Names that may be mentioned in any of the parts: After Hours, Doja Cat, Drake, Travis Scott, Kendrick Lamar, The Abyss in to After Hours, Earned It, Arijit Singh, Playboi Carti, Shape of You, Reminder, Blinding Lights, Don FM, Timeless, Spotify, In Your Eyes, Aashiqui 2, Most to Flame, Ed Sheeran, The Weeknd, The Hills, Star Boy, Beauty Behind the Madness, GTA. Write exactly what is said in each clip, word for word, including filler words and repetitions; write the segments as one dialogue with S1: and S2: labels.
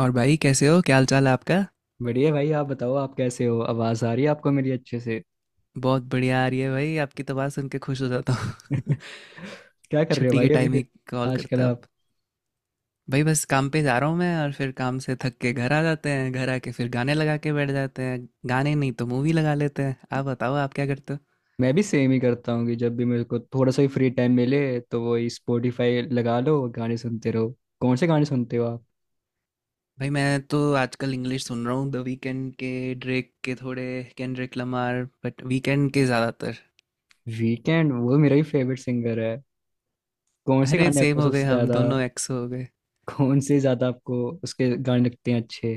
S1: और भाई, कैसे हो? क्या हाल चाल है आपका?
S2: बढ़िया भाई, आप बताओ आप कैसे हो। आवाज आ रही है आपको मेरी अच्छे से?
S1: बहुत बढ़िया आ रही है भाई। आपकी तो बात सुन के खुश हो जाता हूँ।
S2: क्या कर रहे हो
S1: छुट्टी
S2: भाई
S1: के
S2: अभी
S1: टाइम ही
S2: फिर?
S1: कॉल
S2: आजकल
S1: करते हो आप?
S2: आप।
S1: भाई बस काम पे जा रहा हूँ मैं, और फिर काम से थक के घर आ जाते हैं। घर आके फिर गाने लगा के बैठ जाते हैं। गाने नहीं तो मूवी लगा लेते हैं। आप बताओ, आप क्या करते हो?
S2: मैं भी सेम ही करता हूँ कि जब भी मेरे को थोड़ा सा ही फ्री टाइम मिले तो वही, स्पॉटिफाई लगा लो, गाने सुनते रहो। कौन से गाने सुनते हो आप?
S1: भाई मैं तो आजकल इंग्लिश सुन रहा हूँ। द वीकेंड के, ड्रेक के थोड़े, केंड्रिक लमार, बट वीकेंड के ज़्यादातर।
S2: वीकेंड वो मेरा ही फेवरेट सिंगर है। कौन से
S1: अरे
S2: गाने
S1: सेम
S2: आपको
S1: हो गए
S2: सबसे
S1: हम
S2: ज्यादा?
S1: दोनों! एक्स हो?
S2: कौन से ज्यादा आपको उसके गाने लगते हैं अच्छे?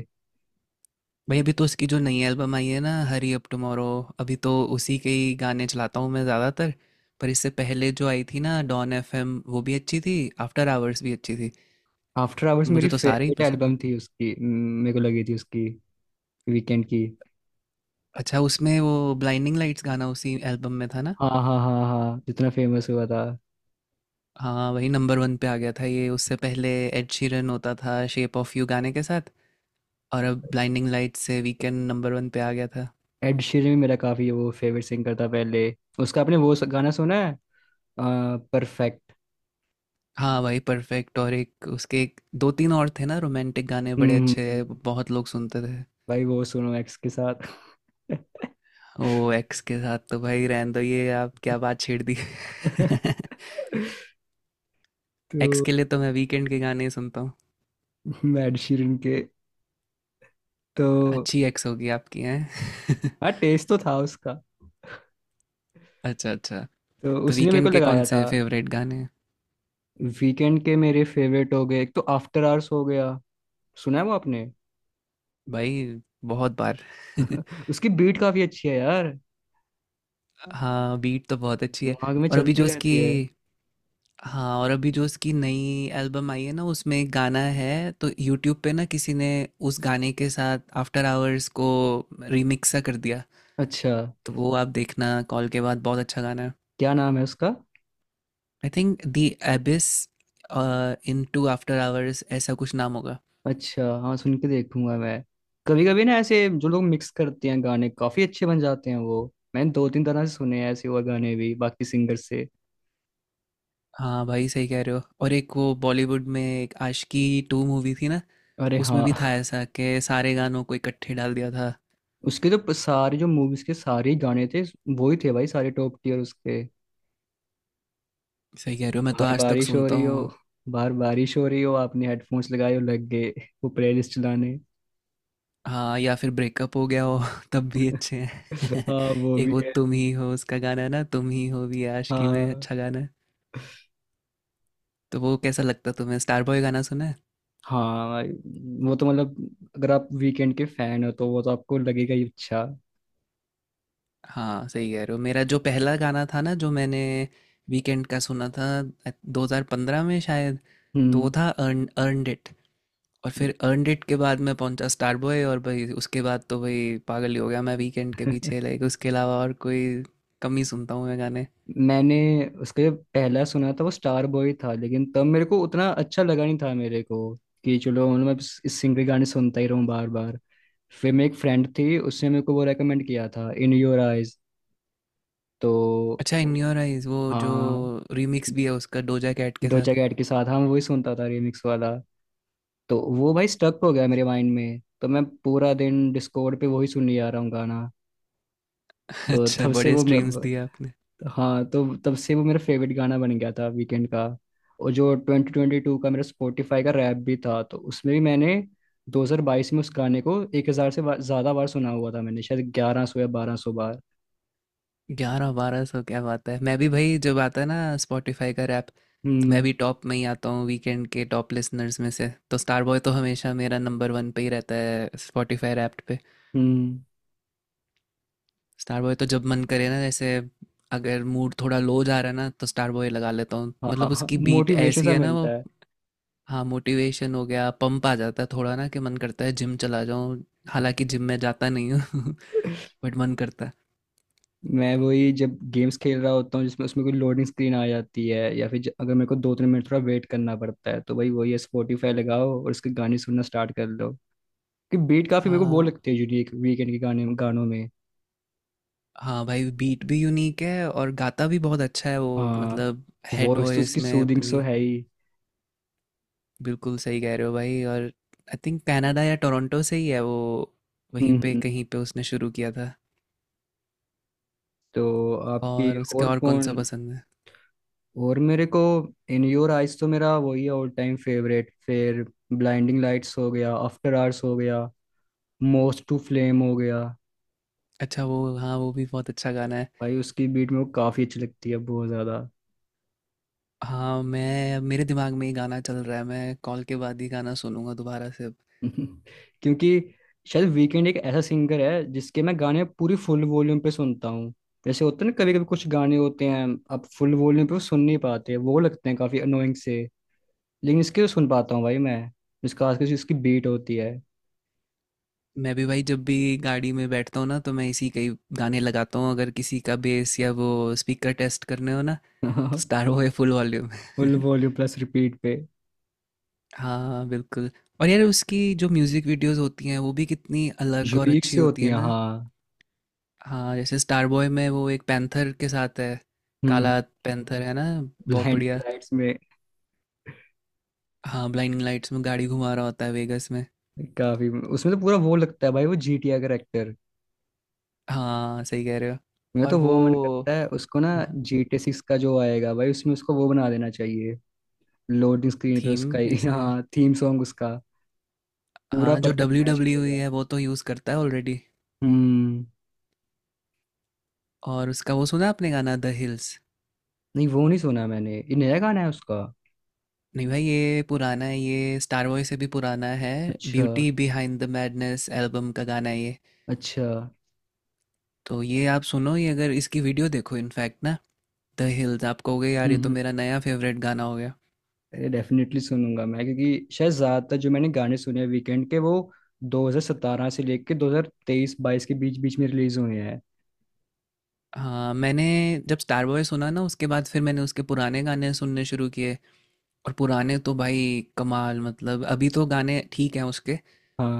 S1: भाई अभी तो उसकी जो नई एल्बम आई है ना, हरी अप टुमारो, अभी तो उसी के ही गाने चलाता हूँ मैं ज़्यादातर। पर इससे पहले जो आई थी ना, डॉन एफ एम, वो भी अच्छी थी। आफ्टर आवर्स भी अच्छी थी।
S2: आफ्टर आवर्स मेरी
S1: मुझे तो सारे ही
S2: फेवरेट
S1: पसंद है।
S2: एल्बम थी उसकी म, मेरे को लगी थी उसकी, वीकेंड की।
S1: अच्छा, उसमें वो ब्लाइंडिंग लाइट्स गाना उसी एल्बम में था ना?
S2: हाँ हाँ हाँ हाँ, जितना फेमस हुआ था।
S1: हाँ वही नंबर वन पे आ गया था ये। उससे पहले एड शीरन होता था शेप ऑफ यू गाने के साथ, और अब ब्लाइंडिंग लाइट्स से वीकेंड नंबर वन पे आ गया था।
S2: एड शीरन भी मेरा काफी वो फेवरेट सिंगर था पहले। उसका आपने वो स- गाना सुना है, परफेक्ट?
S1: हाँ भाई, परफेक्ट। और एक उसके, एक दो तीन और थे ना रोमांटिक गाने, बड़े अच्छे।
S2: हम्म।
S1: बहुत लोग सुनते थे।
S2: भाई वो सुनो एक्स के साथ।
S1: ओ! एक्स के साथ तो भाई रहने दो। ये आप क्या बात छेड़ दी!
S2: तो
S1: एक्स के लिए तो मैं वीकेंड के गाने ही सुनता हूँ।
S2: मैं एड शीरन के। तो
S1: अच्छी एक्स होगी आपकी! हैं?
S2: हाँ, टेस्ट तो था उसका,
S1: अच्छा अच्छा।
S2: तो
S1: तो
S2: उसने मेरे को
S1: वीकेंड के कौन
S2: लगाया था।
S1: से फेवरेट गाने हैं?
S2: वीकेंड के मेरे फेवरेट हो गए, एक तो आफ्टर आवर्स हो गया। सुना है वो आपने?
S1: भाई, बहुत बार।
S2: उसकी बीट काफी अच्छी है यार।
S1: हाँ बीट तो बहुत अच्छी है।
S2: दिमाग में
S1: और अभी
S2: चलती
S1: जो
S2: रहती
S1: उसकी
S2: है।
S1: हाँ और अभी जो उसकी नई एल्बम आई है ना, उसमें एक गाना है, तो यूट्यूब पे ना किसी ने उस गाने के साथ आफ्टर आवर्स को रिमिक्स सा कर दिया।
S2: अच्छा,
S1: तो वो आप देखना कॉल के बाद। बहुत अच्छा गाना है।
S2: क्या नाम है उसका?
S1: I think the abyss into after hours ऐसा कुछ नाम होगा।
S2: अच्छा हाँ, सुन के देखूंगा मैं। कभी कभी ना ऐसे जो लोग मिक्स करते हैं, गाने काफी अच्छे बन जाते हैं वो। मैंने दो तीन तरह से सुने हैं ऐसे और गाने भी, बाकी सिंगर से।
S1: हाँ भाई, सही कह रहे हो। और एक वो बॉलीवुड में एक आशिकी टू मूवी थी ना,
S2: अरे
S1: उसमें
S2: हाँ।
S1: भी था ऐसा कि सारे गानों को इकट्ठे डाल दिया था।
S2: उसके तो सारे, जो मूवीज के सारे ही गाने थे, वो ही थे भाई सारे, टॉप टीयर उसके।
S1: सही कह रहे हो, मैं तो
S2: बाहर
S1: आज तक
S2: बारिश हो
S1: सुनता
S2: रही हो,
S1: हूँ।
S2: बाहर बारिश हो रही हो, आपने हेडफोन्स लगाए हो, लग गए वो प्लेलिस्ट चलाने।
S1: हाँ, या फिर ब्रेकअप हो गया हो तब भी अच्छे। हैं?
S2: हाँ वो
S1: एक
S2: भी
S1: वो
S2: है।
S1: तुम ही हो उसका गाना है ना, तुम ही हो भी आशिकी में
S2: हाँ,
S1: अच्छा गाना है। तो वो कैसा लगता तुम्हें? स्टार बॉय गाना सुना है?
S2: हाँ भाई, वो तो मतलब, अगर आप वीकेंड के फैन हो तो वो तो आपको लगेगा ही अच्छा।
S1: हाँ सही कह रहे हो। मेरा जो पहला गाना था ना जो मैंने वीकेंड का सुना था, I- दो हज़ार पंद्रह में शायद। तो वो
S2: हम्म।
S1: था अर्न अर्नड इट, और फिर अर्नड इट के बाद मैं पहुंचा स्टार बॉय, और भाई उसके बाद तो भाई पागल ही हो गया मैं वीकेंड के पीछे, लाइक उसके अलावा और कोई कम ही सुनता हूँ मैं गाने।
S2: मैंने उसका जो पहला सुना था वो स्टार बॉय था, लेकिन तब मेरे को उतना अच्छा लगा नहीं था मेरे को कि चलो मतलब मैं इस इस सिंगर के गाने सुनता ही रहूं बार बार। फिर मेरी एक फ्रेंड थी, उसने मेरे को वो रेकमेंड किया था, इन योर आइज। तो
S1: अच्छा, इन योर आइज, वो जो
S2: हाँ,
S1: रीमिक्स भी है उसका डोजा कैट के साथ?
S2: डोजा कैट के साथ, हाँ मैं वही सुनता था रिमिक्स वाला। तो वो भाई स्टक हो गया मेरे माइंड में, तो मैं पूरा दिन डिस्कॉर्ड पे वही सुनने जा रहा हूँ गाना। तो
S1: अच्छा,
S2: तब से
S1: बड़े
S2: वो,
S1: स्ट्रीम्स दिए आपने।
S2: हाँ तो तब से वो मेरा फेवरेट गाना बन गया था वीकेंड का। और जो ट्वेंटी ट्वेंटी टू का मेरा स्पॉटिफाई का रैप भी था, तो उसमें भी मैंने दो हज़ार बाईस में उस गाने को हज़ार से बा- ज़्यादा बार सुना हुआ था। मैंने शायद ग्यारह सौ या बारह सौ बार।
S1: ग्यारह बारह सौ, क्या बात है! मैं भी भाई जब आता है ना स्पॉटिफाई का रैप, तो मैं
S2: हम्म।
S1: भी टॉप में ही आता हूँ वीकेंड के टॉप लिसनर्स में से, तो स्टार बॉय तो हमेशा मेरा नंबर वन पे ही रहता है स्पॉटिफाई रैप्ट पे।
S2: हम्म।
S1: स्टार बॉय तो जब मन करे ना, जैसे अगर मूड थोड़ा लो जा रहा है ना तो स्टार बॉय लगा लेता हूँ, मतलब
S2: हाँ
S1: उसकी बीट
S2: मोटिवेशन
S1: ऐसी
S2: सा
S1: है ना वो।
S2: मिलता है।
S1: हाँ मोटिवेशन हो गया, पंप आ जाता है थोड़ा ना, कि मन करता है जिम चला जाऊँ। हालांकि जिम में जाता नहीं हूँ बट मन करता है।
S2: मैं वही जब गेम्स खेल रहा होता हूँ जिसमें, उसमें कोई लोडिंग स्क्रीन आ जाती है या फिर ज- अगर मेरे को दो तीन मिनट थोड़ा वेट करना पड़ता है, तो भाई वही है, स्पॉटिफाई लगाओ और उसके गाने सुनना स्टार्ट कर दो। कि बीट काफी मेरे को वो
S1: हाँ,
S2: लगती है यूनिक वीकेंड के गाने गानों में।
S1: हाँ भाई बीट भी यूनिक है और गाता भी बहुत अच्छा है वो,
S2: हाँ।
S1: मतलब हेड
S2: वॉइस तो
S1: वॉइस
S2: उसकी
S1: में
S2: सूदिंग सो
S1: अपनी।
S2: है ही।
S1: बिल्कुल सही कह रहे हो भाई, और आई थिंक कनाडा या टोरंटो से ही है वो, वहीं
S2: हम्म
S1: पे
S2: हम्म।
S1: कहीं पे उसने शुरू किया था।
S2: तो आपकी
S1: और उसके
S2: और
S1: और कौन सा
S2: कौन?
S1: पसंद है?
S2: और मेरे को इन योर आइज तो मेरा वही है ऑल टाइम फेवरेट। फिर ब्लाइंडिंग लाइट्स हो गया, आफ्टर आवर्स हो गया, मोस्ट टू फ्लेम हो गया।
S1: अच्छा वो, हाँ वो भी बहुत अच्छा गाना है।
S2: भाई उसकी बीट मेरे को काफ़ी अच्छी लगती है, बहुत ज़्यादा।
S1: हाँ मैं मेरे दिमाग में ही गाना चल रहा है, मैं कॉल के बाद ही गाना सुनूंगा दोबारा से अब।
S2: क्योंकि शायद वीकेंड एक ऐसा सिंगर है जिसके मैं गाने पूरी फुल वॉल्यूम पे सुनता हूँ। जैसे होते हैं ना कभी कभी कुछ गाने होते हैं आप फुल वॉल्यूम पे वो सुन नहीं पाते, वो लगते हैं काफ़ी अनोइंग से, लेकिन इसके सुन पाता हूँ भाई मैं। इसका खास कर इसकी बीट होती है।
S1: मैं भी भाई जब भी गाड़ी में बैठता हूँ ना तो मैं इसी कई गाने लगाता हूँ। अगर किसी का बेस या वो स्पीकर टेस्ट करने हो ना, स्टार हो है full volume.
S2: Full volume plus repeat पे।
S1: हाँ बिल्कुल। और यार उसकी जो म्यूजिक वीडियोस होती हैं वो भी कितनी अलग और
S2: यूनिक
S1: अच्छी
S2: सी
S1: होती
S2: होती
S1: है
S2: है
S1: ना।
S2: हाँ।
S1: हाँ जैसे स्टार बॉय में वो एक पैंथर के साथ है,
S2: हम्म।
S1: काला पैंथर है ना। बहुत
S2: ब्लाइंडिंग
S1: बढ़िया।
S2: लाइट्स में
S1: हाँ ब्लाइंडिंग लाइट्स में गाड़ी घुमा रहा होता है वेगस में।
S2: काफी, उसमें तो पूरा वो लगता है भाई, वो जीटीए का एक्टर।
S1: हाँ सही कह रहे हो।
S2: मैं
S1: और
S2: तो वो मन
S1: वो,
S2: करता है उसको ना,
S1: हाँ,
S2: जीटीए सिक्स का जो आएगा भाई, उसमें उसको वो बना देना चाहिए। लोडिंग स्क्रीन पे
S1: थीम
S2: उसका ही,
S1: जैसे।
S2: हाँ, थीम सॉन्ग उसका
S1: हाँ
S2: पूरा
S1: जो
S2: perfect
S1: W
S2: match
S1: W E
S2: करेगा।
S1: है वो तो यूज़ करता है ऑलरेडी।
S2: हम्म।
S1: और उसका वो सुना आपने गाना, द हिल्स?
S2: नहीं वो नहीं सुना मैंने, ये नया गाना है उसका?
S1: नहीं भाई, ये पुराना है, ये स्टार वॉय से भी पुराना है।
S2: अच्छा
S1: beauty behind the madness album का गाना है ये।
S2: अच्छा।
S1: तो ये आप सुनो, ये अगर इसकी वीडियो देखो इनफैक्ट ना, द हिल्स, आप कहोगे यार
S2: हम्म
S1: ये तो
S2: हम्म।
S1: मेरा नया फेवरेट गाना हो गया।
S2: अरे डेफिनेटली सुनूंगा मैं, क्योंकि शायद ज्यादातर जो मैंने गाने सुने हैं वीकेंड के, वो दो हज़ार सत्रह से लेके दो हज़ार तेईस बाईस के बीच बीच में रिलीज हुए हैं।
S1: हाँ मैंने जब स्टार बॉय सुना ना, उसके बाद फिर मैंने उसके पुराने गाने सुनने शुरू किए। और पुराने तो भाई कमाल, मतलब अभी तो गाने ठीक हैं उसके,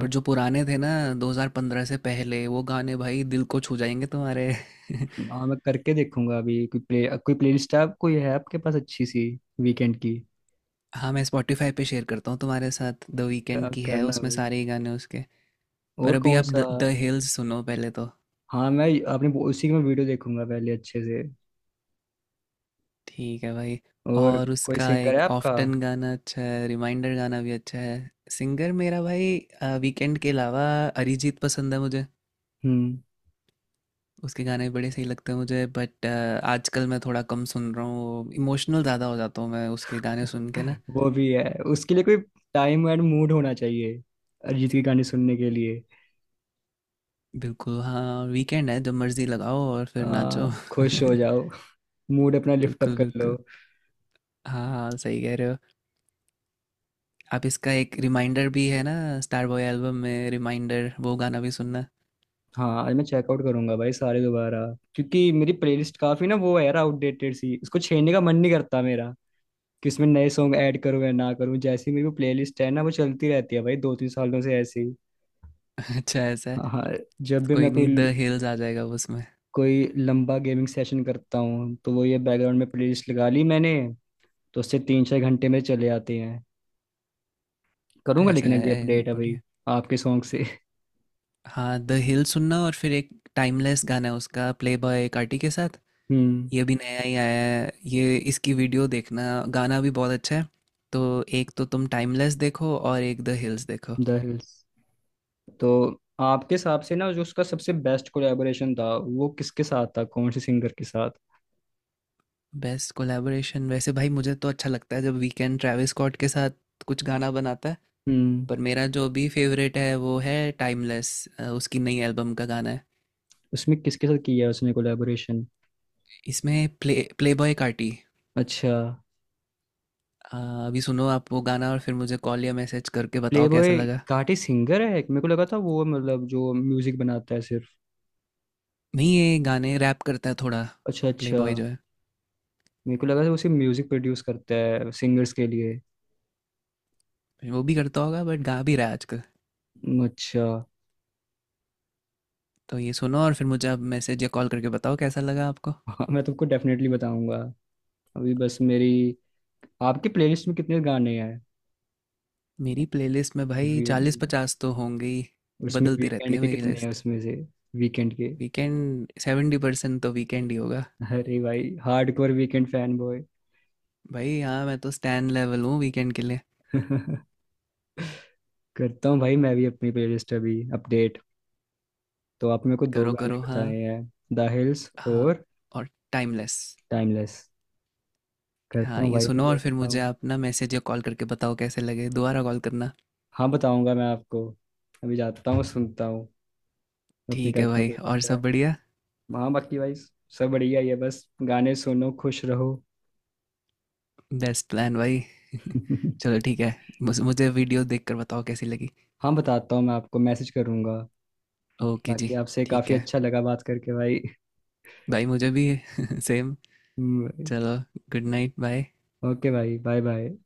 S1: पर जो पुराने थे ना दो हज़ार पंद्रह से पहले, वो गाने भाई दिल को छू जाएंगे तुम्हारे।
S2: हाँ, मैं करके देखूंगा। अभी कोई प्ले, कोई प्लेलिस्ट आप, कोई है आपके पास अच्छी सी, वीकेंड की?
S1: हाँ, मैं स्पॉटिफ़ाई पे शेयर करता हूँ तुम्हारे साथ, द
S2: क-
S1: वीकेंड की है
S2: करना
S1: उसमें
S2: भाई।
S1: सारे ही गाने उसके। पर
S2: और
S1: अभी
S2: कौन
S1: आप
S2: सा?
S1: द द हिल्स सुनो पहले तो।
S2: हाँ मैं, आपने वो- उसी में वीडियो देखूंगा पहले अच्छे से।
S1: ठीक है भाई।
S2: और
S1: और
S2: कोई
S1: उसका
S2: सिंगर है
S1: एक
S2: आपका?
S1: ऑफ्टन गाना अच्छा है, रिमाइंडर गाना भी अच्छा है। सिंगर मेरा भाई, अ, वीकेंड के अलावा अरिजीत पसंद है मुझे।
S2: हम्म।
S1: उसके गाने बड़े सही लगते हैं मुझे, बट अ, आजकल मैं थोड़ा कम सुन रहा हूँ, इमोशनल ज़्यादा हो जाता हूँ मैं उसके गाने सुन के ना।
S2: वो भी है, उसके लिए कोई टाइम एंड मूड होना चाहिए अरिजीत के गाने सुनने के लिए।
S1: बिल्कुल हाँ, वीकेंड है जब मर्ज़ी लगाओ और
S2: आ,
S1: फिर नाचो।
S2: खुश हो जाओ, मूड अपना लिफ्ट अप
S1: बिल्कुल,
S2: कर लो।
S1: बिल्कुल। हाँ, हाँ, सही कह रहे हो। आप इसका एक रिमाइंडर भी है ना, स्टार बॉय एल्बम में, रिमाइंडर वो गाना भी सुनना।
S2: हाँ आज मैं चेकआउट करूंगा भाई, सारे दोबारा। क्योंकि मेरी प्लेलिस्ट काफी ना वो है यार आउटडेटेड सी, इसको छेड़ने का मन नहीं करता मेरा कि इसमें नए सॉन्ग ऐड करूँ या ना करूँ, जैसी मेरी वो प्लेलिस्ट है ना वो चलती रहती है भाई दो तीन सालों से ऐसी ही।
S1: अच्छा ऐसा है?
S2: हाँ हाँ, जब
S1: तो
S2: भी
S1: कोई
S2: मैं कोई
S1: नहीं, द हिल्स आ जाएगा वो उसमें।
S2: कोई लंबा गेमिंग सेशन करता हूँ तो वो, ये बैकग्राउंड में प्लेलिस्ट लगा ली मैंने, तो उससे तीन चार घंटे में चले आते हैं। करूंगा
S1: ऐसा
S2: लेकिन अभी
S1: है?
S2: अपडेट है भाई
S1: बढ़िया।
S2: आपके सॉन्ग से।
S1: हाँ द हिल सुनना, और फिर एक टाइमलेस गाना है उसका प्ले बॉय कार्टी के साथ,
S2: हम्म।
S1: ये भी नया ही आया है ये, इसकी वीडियो देखना। गाना भी बहुत अच्छा है। तो एक तो तुम टाइमलेस देखो और एक द हिल्स देखो।
S2: The hills. तो आपके हिसाब से ना, जो उसका सबसे बेस्ट कोलैबोरेशन था वो किसके साथ था, कौन से सिंगर के साथ?
S1: बेस्ट कोलैबोरेशन वैसे भाई मुझे तो अच्छा लगता है जब वीकेंड ट्रैविस स्कॉट के साथ कुछ गाना बनाता है।
S2: हम्म।
S1: पर मेरा जो भी फेवरेट है वो है टाइमलेस, उसकी नई एल्बम का गाना है।
S2: उसमें किसके साथ किया उसने कोलैबोरेशन?
S1: इसमें प्ले प्ले बॉय कार्टी।
S2: अच्छा।
S1: अ, अभी सुनो आप वो गाना और फिर मुझे कॉल या मैसेज करके बताओ कैसा
S2: प्लेबॉय
S1: लगा।
S2: घाटी सिंगर है मेरे को लगा था वो, मतलब जो म्यूजिक बनाता है सिर्फ।
S1: नहीं ये गाने रैप करता है थोड़ा।
S2: अच्छा
S1: प्ले
S2: अच्छा।
S1: बॉय जो है,
S2: मेरे को लगा था वो सिर्फ म्यूजिक प्रोड्यूस करता है सिंगर्स के लिए।
S1: वो भी करता होगा बट गा भी रहा है आजकल।
S2: हम्म, अच्छा।
S1: तो ये सुनो और फिर मुझे आप मैसेज या कॉल करके बताओ कैसा लगा आपको।
S2: हाँ, मैं तुमको डेफिनेटली बताऊंगा। अभी बस मेरी, आपके प्लेलिस्ट में कितने गाने हैं?
S1: मेरी प्लेलिस्ट में भाई
S2: वी-
S1: चालीस पचास तो होंगे ही।
S2: उसमें
S1: बदलती रहती
S2: वीकेंड
S1: है
S2: के
S1: मेरी
S2: कितने हैं
S1: लिस्ट।
S2: उसमें से? वीकेंड के,
S1: वीकेंड सेवेंटी परसेंट तो वीकेंड ही होगा।
S2: अरे भाई हार्डकोर वीकेंड फैन बॉय।
S1: भाई हाँ, मैं तो स्टैंड लेवल हूँ वीकेंड के लिए।
S2: करता हूँ भाई मैं भी अपनी प्लेलिस्ट अभी अपडेट। तो आपने मेरे को दो
S1: करो
S2: गाने
S1: करो,
S2: बताए
S1: हाँ।
S2: हैं, द हिल्स
S1: हाँ,
S2: और
S1: और टाइमलेस।
S2: टाइमलेस। करता
S1: हाँ,
S2: हूँ
S1: ये
S2: भाई मैं,
S1: सुनो और फिर
S2: देखता
S1: मुझे
S2: हूँ।
S1: आप ना मैसेज या कॉल करके बताओ कैसे लगे। दोबारा कॉल करना।
S2: हाँ बताऊंगा मैं आपको, अभी जाता हूँ सुनता हूँ, अपनी
S1: ठीक है
S2: करता हूँ
S1: भाई, और
S2: प्लेलिस्ट है।
S1: सब बढ़िया?
S2: हाँ बाकी भाई सब बढ़िया ही है, बस गाने सुनो खुश रहो।
S1: बेस्ट प्लान भाई। चलो ठीक है, मुझ मुझे वीडियो देखकर बताओ कैसी लगी।
S2: हाँ बताता हूँ, मैं आपको मैसेज करूंगा।
S1: ओके जी,
S2: बाकी आपसे
S1: ठीक
S2: काफ़ी
S1: है।
S2: अच्छा लगा बात करके भाई।
S1: भाई मुझे भी सेम। चलो गुड नाइट, बाय।
S2: ओके भाई, बाय बाय।